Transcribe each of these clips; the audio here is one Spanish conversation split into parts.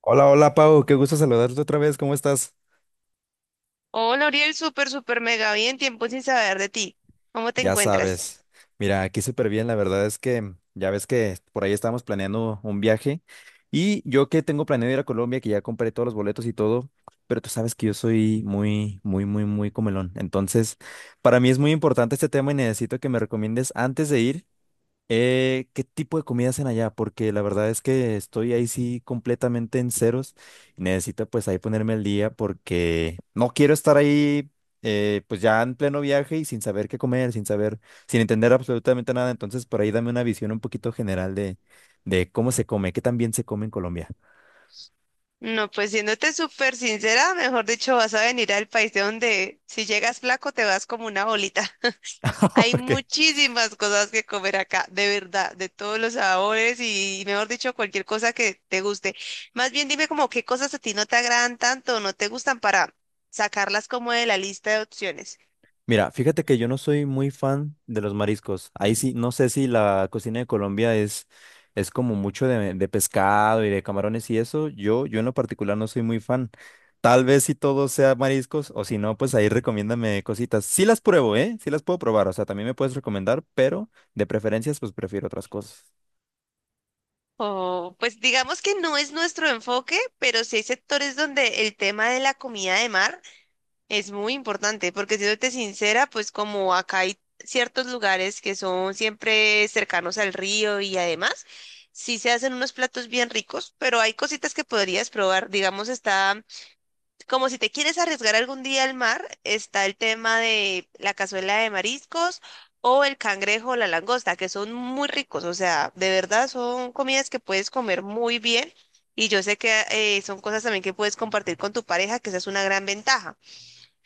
Hola, hola Pau, qué gusto saludarte otra vez, ¿cómo estás? Hola, Uriel, súper mega bien, tiempo sin saber de ti. ¿Cómo te Ya sabes, encuentras? mira, aquí súper bien, la verdad es que ya ves que por ahí estábamos planeando un viaje y yo que tengo planeado ir a Colombia, que ya compré todos los boletos y todo, pero tú sabes que yo soy muy, muy, muy, muy comelón, entonces para mí es muy importante este tema y necesito que me recomiendes antes de ir. ¿Qué tipo de comida hacen allá? Porque la verdad es que estoy ahí sí completamente en ceros. Necesito pues ahí ponerme al día porque no quiero estar ahí pues ya en pleno viaje y sin saber qué comer, sin entender absolutamente nada. Entonces por ahí dame una visión un poquito general de cómo se come, qué tan bien se come en Colombia. No, pues siéndote súper sincera, mejor dicho, vas a venir al país de donde si llegas flaco te vas como una bolita. Hay Ok. muchísimas cosas que comer acá, de verdad, de todos los sabores y, mejor dicho, cualquier cosa que te guste. Más bien dime como qué cosas a ti no te agradan tanto, no te gustan para sacarlas como de la lista de opciones. Mira, fíjate que yo no soy muy fan de los mariscos. Ahí sí, no sé si la cocina de Colombia es como mucho de pescado y de camarones y eso. Yo en lo particular no soy muy fan. Tal vez si todo sea mariscos o si no, pues ahí recomiéndame cositas. Sí las pruebo, ¿eh? Sí las puedo probar. O sea, también me puedes recomendar, pero de preferencias, pues prefiero otras cosas. O, pues digamos que no es nuestro enfoque, pero sí hay sectores donde el tema de la comida de mar es muy importante, porque siéndote sincera, pues como acá hay ciertos lugares que son siempre cercanos al río y además sí se hacen unos platos bien ricos, pero hay cositas que podrías probar. Digamos, está como si te quieres arriesgar algún día al mar, está el tema de la cazuela de mariscos o el cangrejo o la langosta, que son muy ricos, o sea, de verdad son comidas que puedes comer muy bien y yo sé que son cosas también que puedes compartir con tu pareja, que esa es una gran ventaja.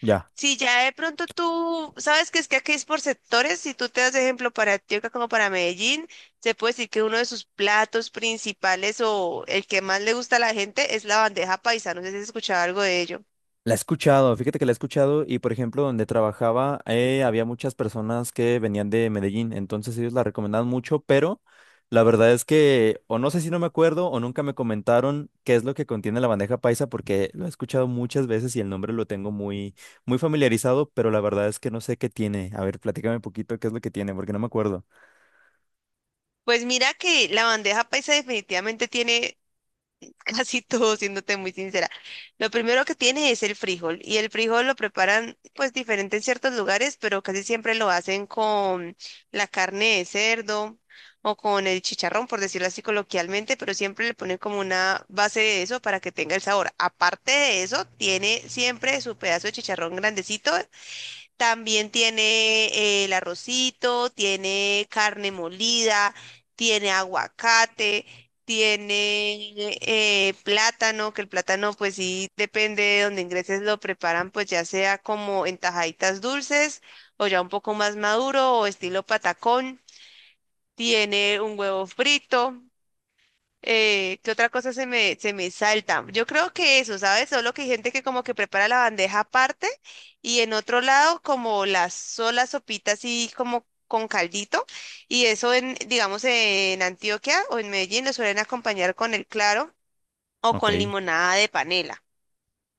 Ya. Si ya de pronto tú sabes que es que aquí es por sectores, si tú te das de ejemplo para Antioquia como para Medellín, se puede decir que uno de sus platos principales o el que más le gusta a la gente es la bandeja paisa, no sé si has escuchado algo de ello. La he escuchado, fíjate que la he escuchado y por ejemplo donde trabajaba había muchas personas que venían de Medellín, entonces ellos la recomendaban mucho, pero la verdad es que o no sé si no me acuerdo o nunca me comentaron qué es lo que contiene la bandeja paisa porque lo he escuchado muchas veces y el nombre lo tengo muy muy familiarizado, pero la verdad es que no sé qué tiene. A ver, platícame un poquito qué es lo que tiene porque no me acuerdo. Pues mira que la bandeja paisa definitivamente tiene casi todo, siéndote muy sincera. Lo primero que tiene es el frijol y el frijol lo preparan pues diferente en ciertos lugares, pero casi siempre lo hacen con la carne de cerdo o con el chicharrón, por decirlo así coloquialmente, pero siempre le ponen como una base de eso para que tenga el sabor. Aparte de eso, tiene siempre su pedazo de chicharrón grandecito, también tiene el arrocito, tiene carne molida, tiene aguacate, tiene plátano, que el plátano pues sí depende de donde ingreses lo preparan pues ya sea como en tajaditas dulces o ya un poco más maduro o estilo patacón. Tiene un huevo frito, ¿qué otra cosa se me salta? Yo creo que eso, ¿sabes? Solo que hay gente que como que prepara la bandeja aparte y en otro lado como las solas sopitas así como con caldito y eso en, digamos, en Antioquia o en Medellín lo suelen acompañar con el claro o Ok. con limonada de panela.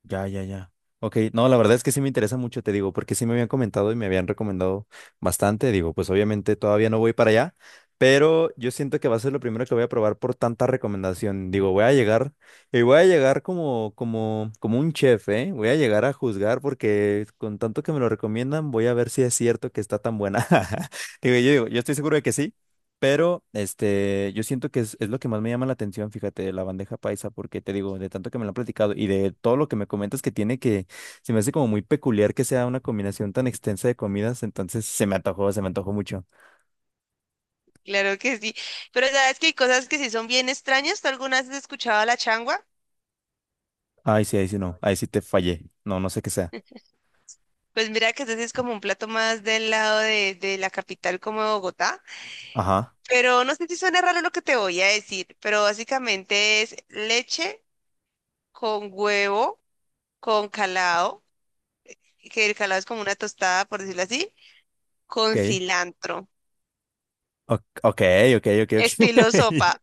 Ya, ya, ya. Ok, no, la verdad es que sí me interesa mucho, te digo, porque sí me habían comentado y me habían recomendado bastante. Digo, pues obviamente todavía no voy para allá, pero yo siento que va a ser lo primero que voy a probar por tanta recomendación. Digo, voy a llegar y voy a llegar como un chef, ¿eh? Voy a llegar a juzgar porque con tanto que me lo recomiendan, voy a ver si es cierto que está tan buena. Digo, yo estoy seguro de que sí. Pero este, yo siento que es lo que más me llama la atención, fíjate, de la bandeja paisa, porque te digo, de tanto que me lo han platicado y de todo lo que me comentas se me hace como muy peculiar que sea una combinación tan extensa de comidas, entonces se me antojó mucho. Claro que sí, pero sabes que hay cosas que sí son bien extrañas. ¿Tú alguna vez has escuchado la changua? Ay, sí, ahí sí te fallé. No, no sé qué sea. Pues mira que ese sí es como un plato más del lado de la capital como Bogotá. Ajá, Pero no sé si suena raro lo que te voy a decir, pero básicamente es leche con huevo, con calado, que el calado es como una tostada, por decirlo así, con ok. cilantro, O- ok, ok, ok, ok. estilo sopa.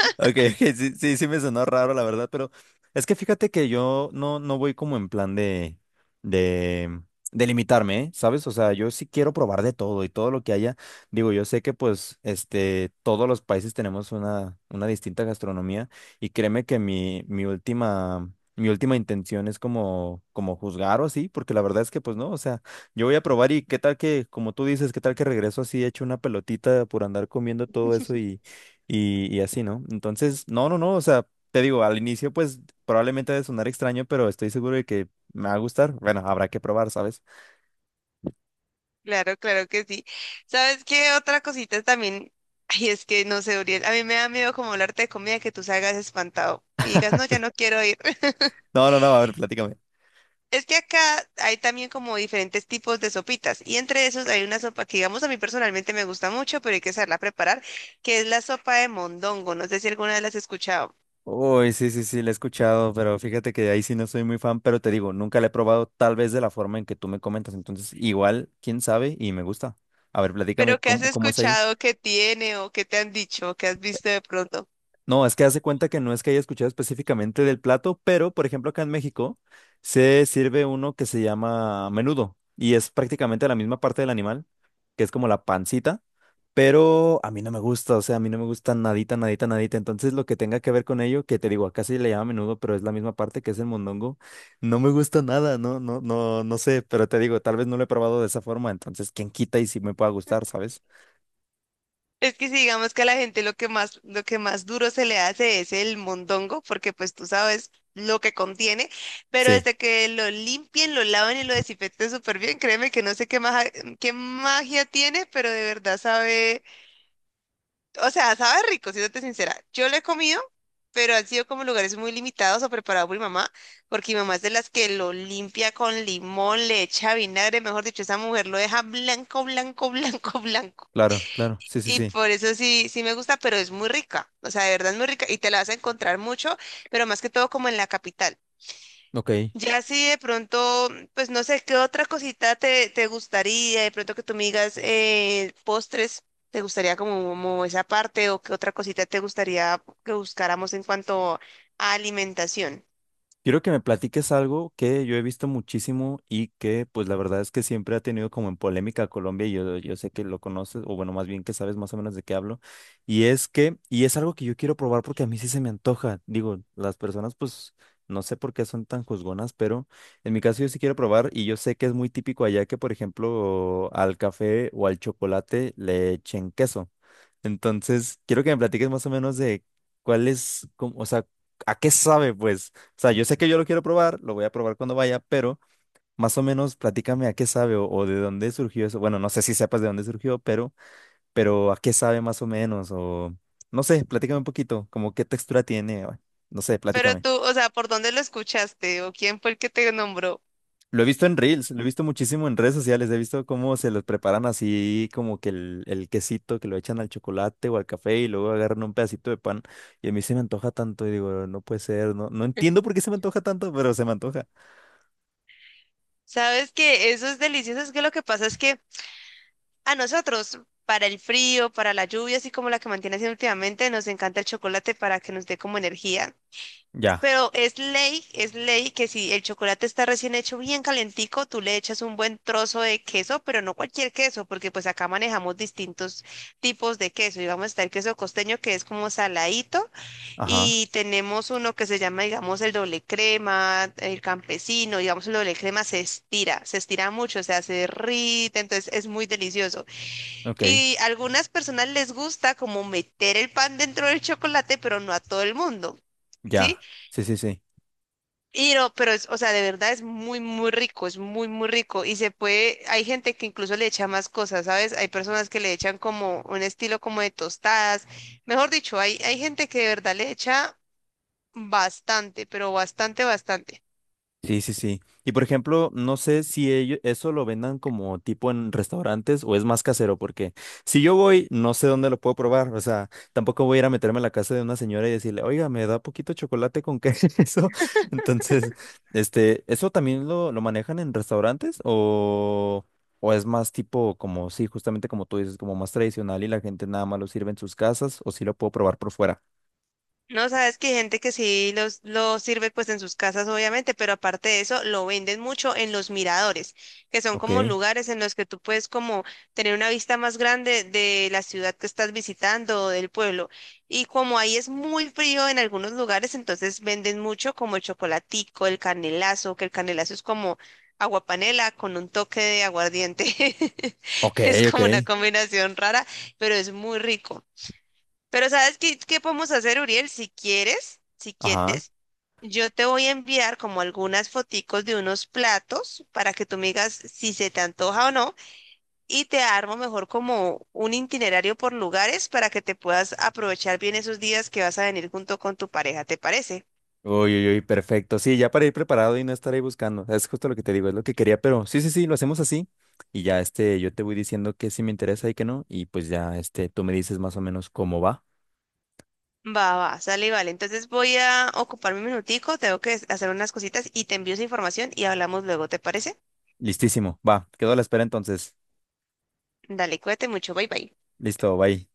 Ok, ok, sí, sí, sí me sonó raro, la verdad, pero es que fíjate que yo no voy como en plan de, de limitarme, ¿eh? ¿Sabes? O sea, yo sí quiero probar de todo y todo lo que haya. Digo, yo sé que pues, este, todos los países tenemos una distinta gastronomía y créeme que mi última intención es como juzgar o así, porque la verdad es que pues no, o sea, yo voy a probar y qué tal que, como tú dices, qué tal que regreso así hecho una pelotita por andar comiendo todo eso y así, ¿no? Entonces, no, no, no, o sea, te digo, al inicio pues probablemente ha de sonar extraño, pero estoy seguro de que me va a gustar. Bueno, habrá que probar, ¿sabes? Claro, claro que sí. ¿Sabes qué otra cosita también? Ay, es que no sé, Uriel, a mí me da miedo como hablarte de comida que tú salgas espantado y digas, no, ya no quiero ir. No, no, no, a ver, platícame. Es que acá hay también como diferentes tipos de sopitas y entre esos hay una sopa que digamos a mí personalmente me gusta mucho, pero hay que saberla preparar, que es la sopa de mondongo. No sé si alguna vez la has escuchado, Uy, sí, sí, sí, la he escuchado, pero fíjate que ahí sí no soy muy fan, pero te digo, nunca la he probado tal vez de la forma en que tú me comentas, entonces igual, quién sabe, y me gusta. A ver, platícame pero ¿qué has cómo es ahí. escuchado que tiene o qué te han dicho o qué has visto de pronto? No, es que hace cuenta que no es que haya escuchado específicamente del plato, pero por ejemplo acá en México se sirve uno que se llama menudo y es prácticamente la misma parte del animal, que es como la pancita, pero a mí no me gusta, o sea, a mí no me gusta nadita, nadita, nadita, entonces lo que tenga que ver con ello, que te digo, acá sí le llama menudo, pero es la misma parte que es el mondongo, no me gusta nada, no, no, no, no sé, pero te digo, tal vez no lo he probado de esa forma, entonces quién quita y si me pueda gustar, ¿sabes? Es que si digamos que a la gente lo que más duro se le hace es el mondongo, porque pues tú sabes lo que contiene, pero Sí, desde que lo limpien, lo laven y lo desinfecten súper bien, créeme que no sé qué magia tiene, pero de verdad sabe. O sea, sabe rico, siéndote sincera. Yo lo he comido, pero han sido como lugares muy limitados o preparados por mi mamá, porque mi mamá es de las que lo limpia con limón, le echa vinagre, mejor dicho, esa mujer lo deja blanco, blanco, blanco. claro, claro, sí, sí, Y sí, por eso sí, sí me gusta, pero es muy rica. O sea, de verdad es muy rica y te la vas a encontrar mucho, pero más que todo como en la capital. ok. Ya si de pronto, pues no sé, ¿qué otra cosita te gustaría? De pronto que tú me digas postres, ¿te gustaría como, como esa parte o qué otra cosita te gustaría que buscáramos en cuanto a alimentación? Quiero que me platiques algo que yo he visto muchísimo y que pues la verdad es que siempre ha tenido como en polémica a Colombia y yo sé que lo conoces, o bueno, más bien que sabes más o menos de qué hablo, y es algo que yo quiero probar porque a mí sí se me antoja, digo, las personas pues no sé por qué son tan juzgonas, pero en mi caso yo sí quiero probar y yo sé que es muy típico allá que por ejemplo al café o al chocolate le echen queso. Entonces, quiero que me platiques más o menos de cuál es, o sea, a qué sabe pues. O sea, yo sé que yo lo quiero probar, lo voy a probar cuando vaya, pero más o menos platícame a qué sabe o de dónde surgió eso. Bueno, no sé si sepas de dónde surgió, pero a qué sabe más o menos o no sé, platícame un poquito, como qué textura tiene, no sé, Pero platícame. tú, o sea, ¿por dónde lo escuchaste o quién fue el que te nombró? Lo he visto en Reels, lo he visto muchísimo en redes sociales, he visto cómo se los preparan así, como que el quesito que lo echan al chocolate o al café y luego agarran un pedacito de pan y a mí se me antoja tanto y digo, no puede ser, no entiendo por qué se me antoja tanto, pero se me antoja. Sabes que eso es delicioso, es que lo que pasa es que a nosotros, para el frío, para la lluvia, así como la que mantiene haciendo últimamente, nos encanta el chocolate para que nos dé como energía. Ya, Pero es ley que si el chocolate está recién hecho bien calentico, tú le echas un buen trozo de queso, pero no cualquier queso, porque pues acá manejamos distintos tipos de queso. Y vamos a estar el queso costeño que es como saladito ajá, y tenemos uno que se llama, digamos, el doble crema, el campesino, digamos, el doble crema se estira mucho, o sea, se derrite, entonces es muy delicioso. ok. Y algunas personas les gusta como meter el pan dentro del chocolate, pero no a todo el mundo. ¿Sí? Ya, sí, sí, sí, Y no, pero es, o sea, de verdad es muy, muy rico, es muy, muy rico. Y se puede, hay gente que incluso le echa más cosas, ¿sabes? Hay personas que le echan como un estilo como de tostadas. Mejor dicho, hay gente que de verdad le echa bastante, pero bastante, bastante. sí, sí, sí. Y por ejemplo, no sé si ellos eso lo vendan como tipo en restaurantes o es más casero, porque si yo voy, no sé dónde lo puedo probar, o sea, tampoco voy a ir a meterme a la casa de una señora y decirle, oiga, me da poquito chocolate con queso. Entonces, este, ¿eso también lo manejan en restaurantes o es más tipo como, sí, justamente como tú dices, como más tradicional y la gente nada más lo sirve en sus casas o si lo puedo probar por fuera? No, sabes que hay gente que sí los sirve pues en sus casas, obviamente, pero aparte de eso, lo venden mucho en los miradores, que son Ok, como lugares en los que tú puedes como tener una vista más grande de la ciudad que estás visitando o del pueblo. Y como ahí es muy frío en algunos lugares, entonces venden mucho como el chocolatico, el canelazo, que el canelazo es como agua panela con un toque de aguardiente. ok, Es ok, como una combinación rara, pero es muy rico. Pero ¿sabes qué, qué podemos hacer, Uriel? Si quieres, si ajá. quieres, yo te voy a enviar como algunas foticos de unos platos para que tú me digas si se te antoja o no y te armo mejor como un itinerario por lugares para que te puedas aprovechar bien esos días que vas a venir junto con tu pareja, ¿te parece? Uy, uy, uy, perfecto. Sí, ya para ir preparado y no estar ahí buscando. Es justo lo que te digo, es lo que quería, pero sí, sí, sí, lo hacemos así. Y ya este, yo te voy diciendo que sí me interesa y que no. Y pues ya este, tú me dices más o menos cómo va. Va, va, sale y vale. Entonces voy a ocuparme un minutico, tengo que hacer unas cositas y te envío esa información y hablamos luego, ¿te parece? Listísimo, va. Quedo a la espera entonces. Dale, cuídate mucho, bye bye. Listo, bye.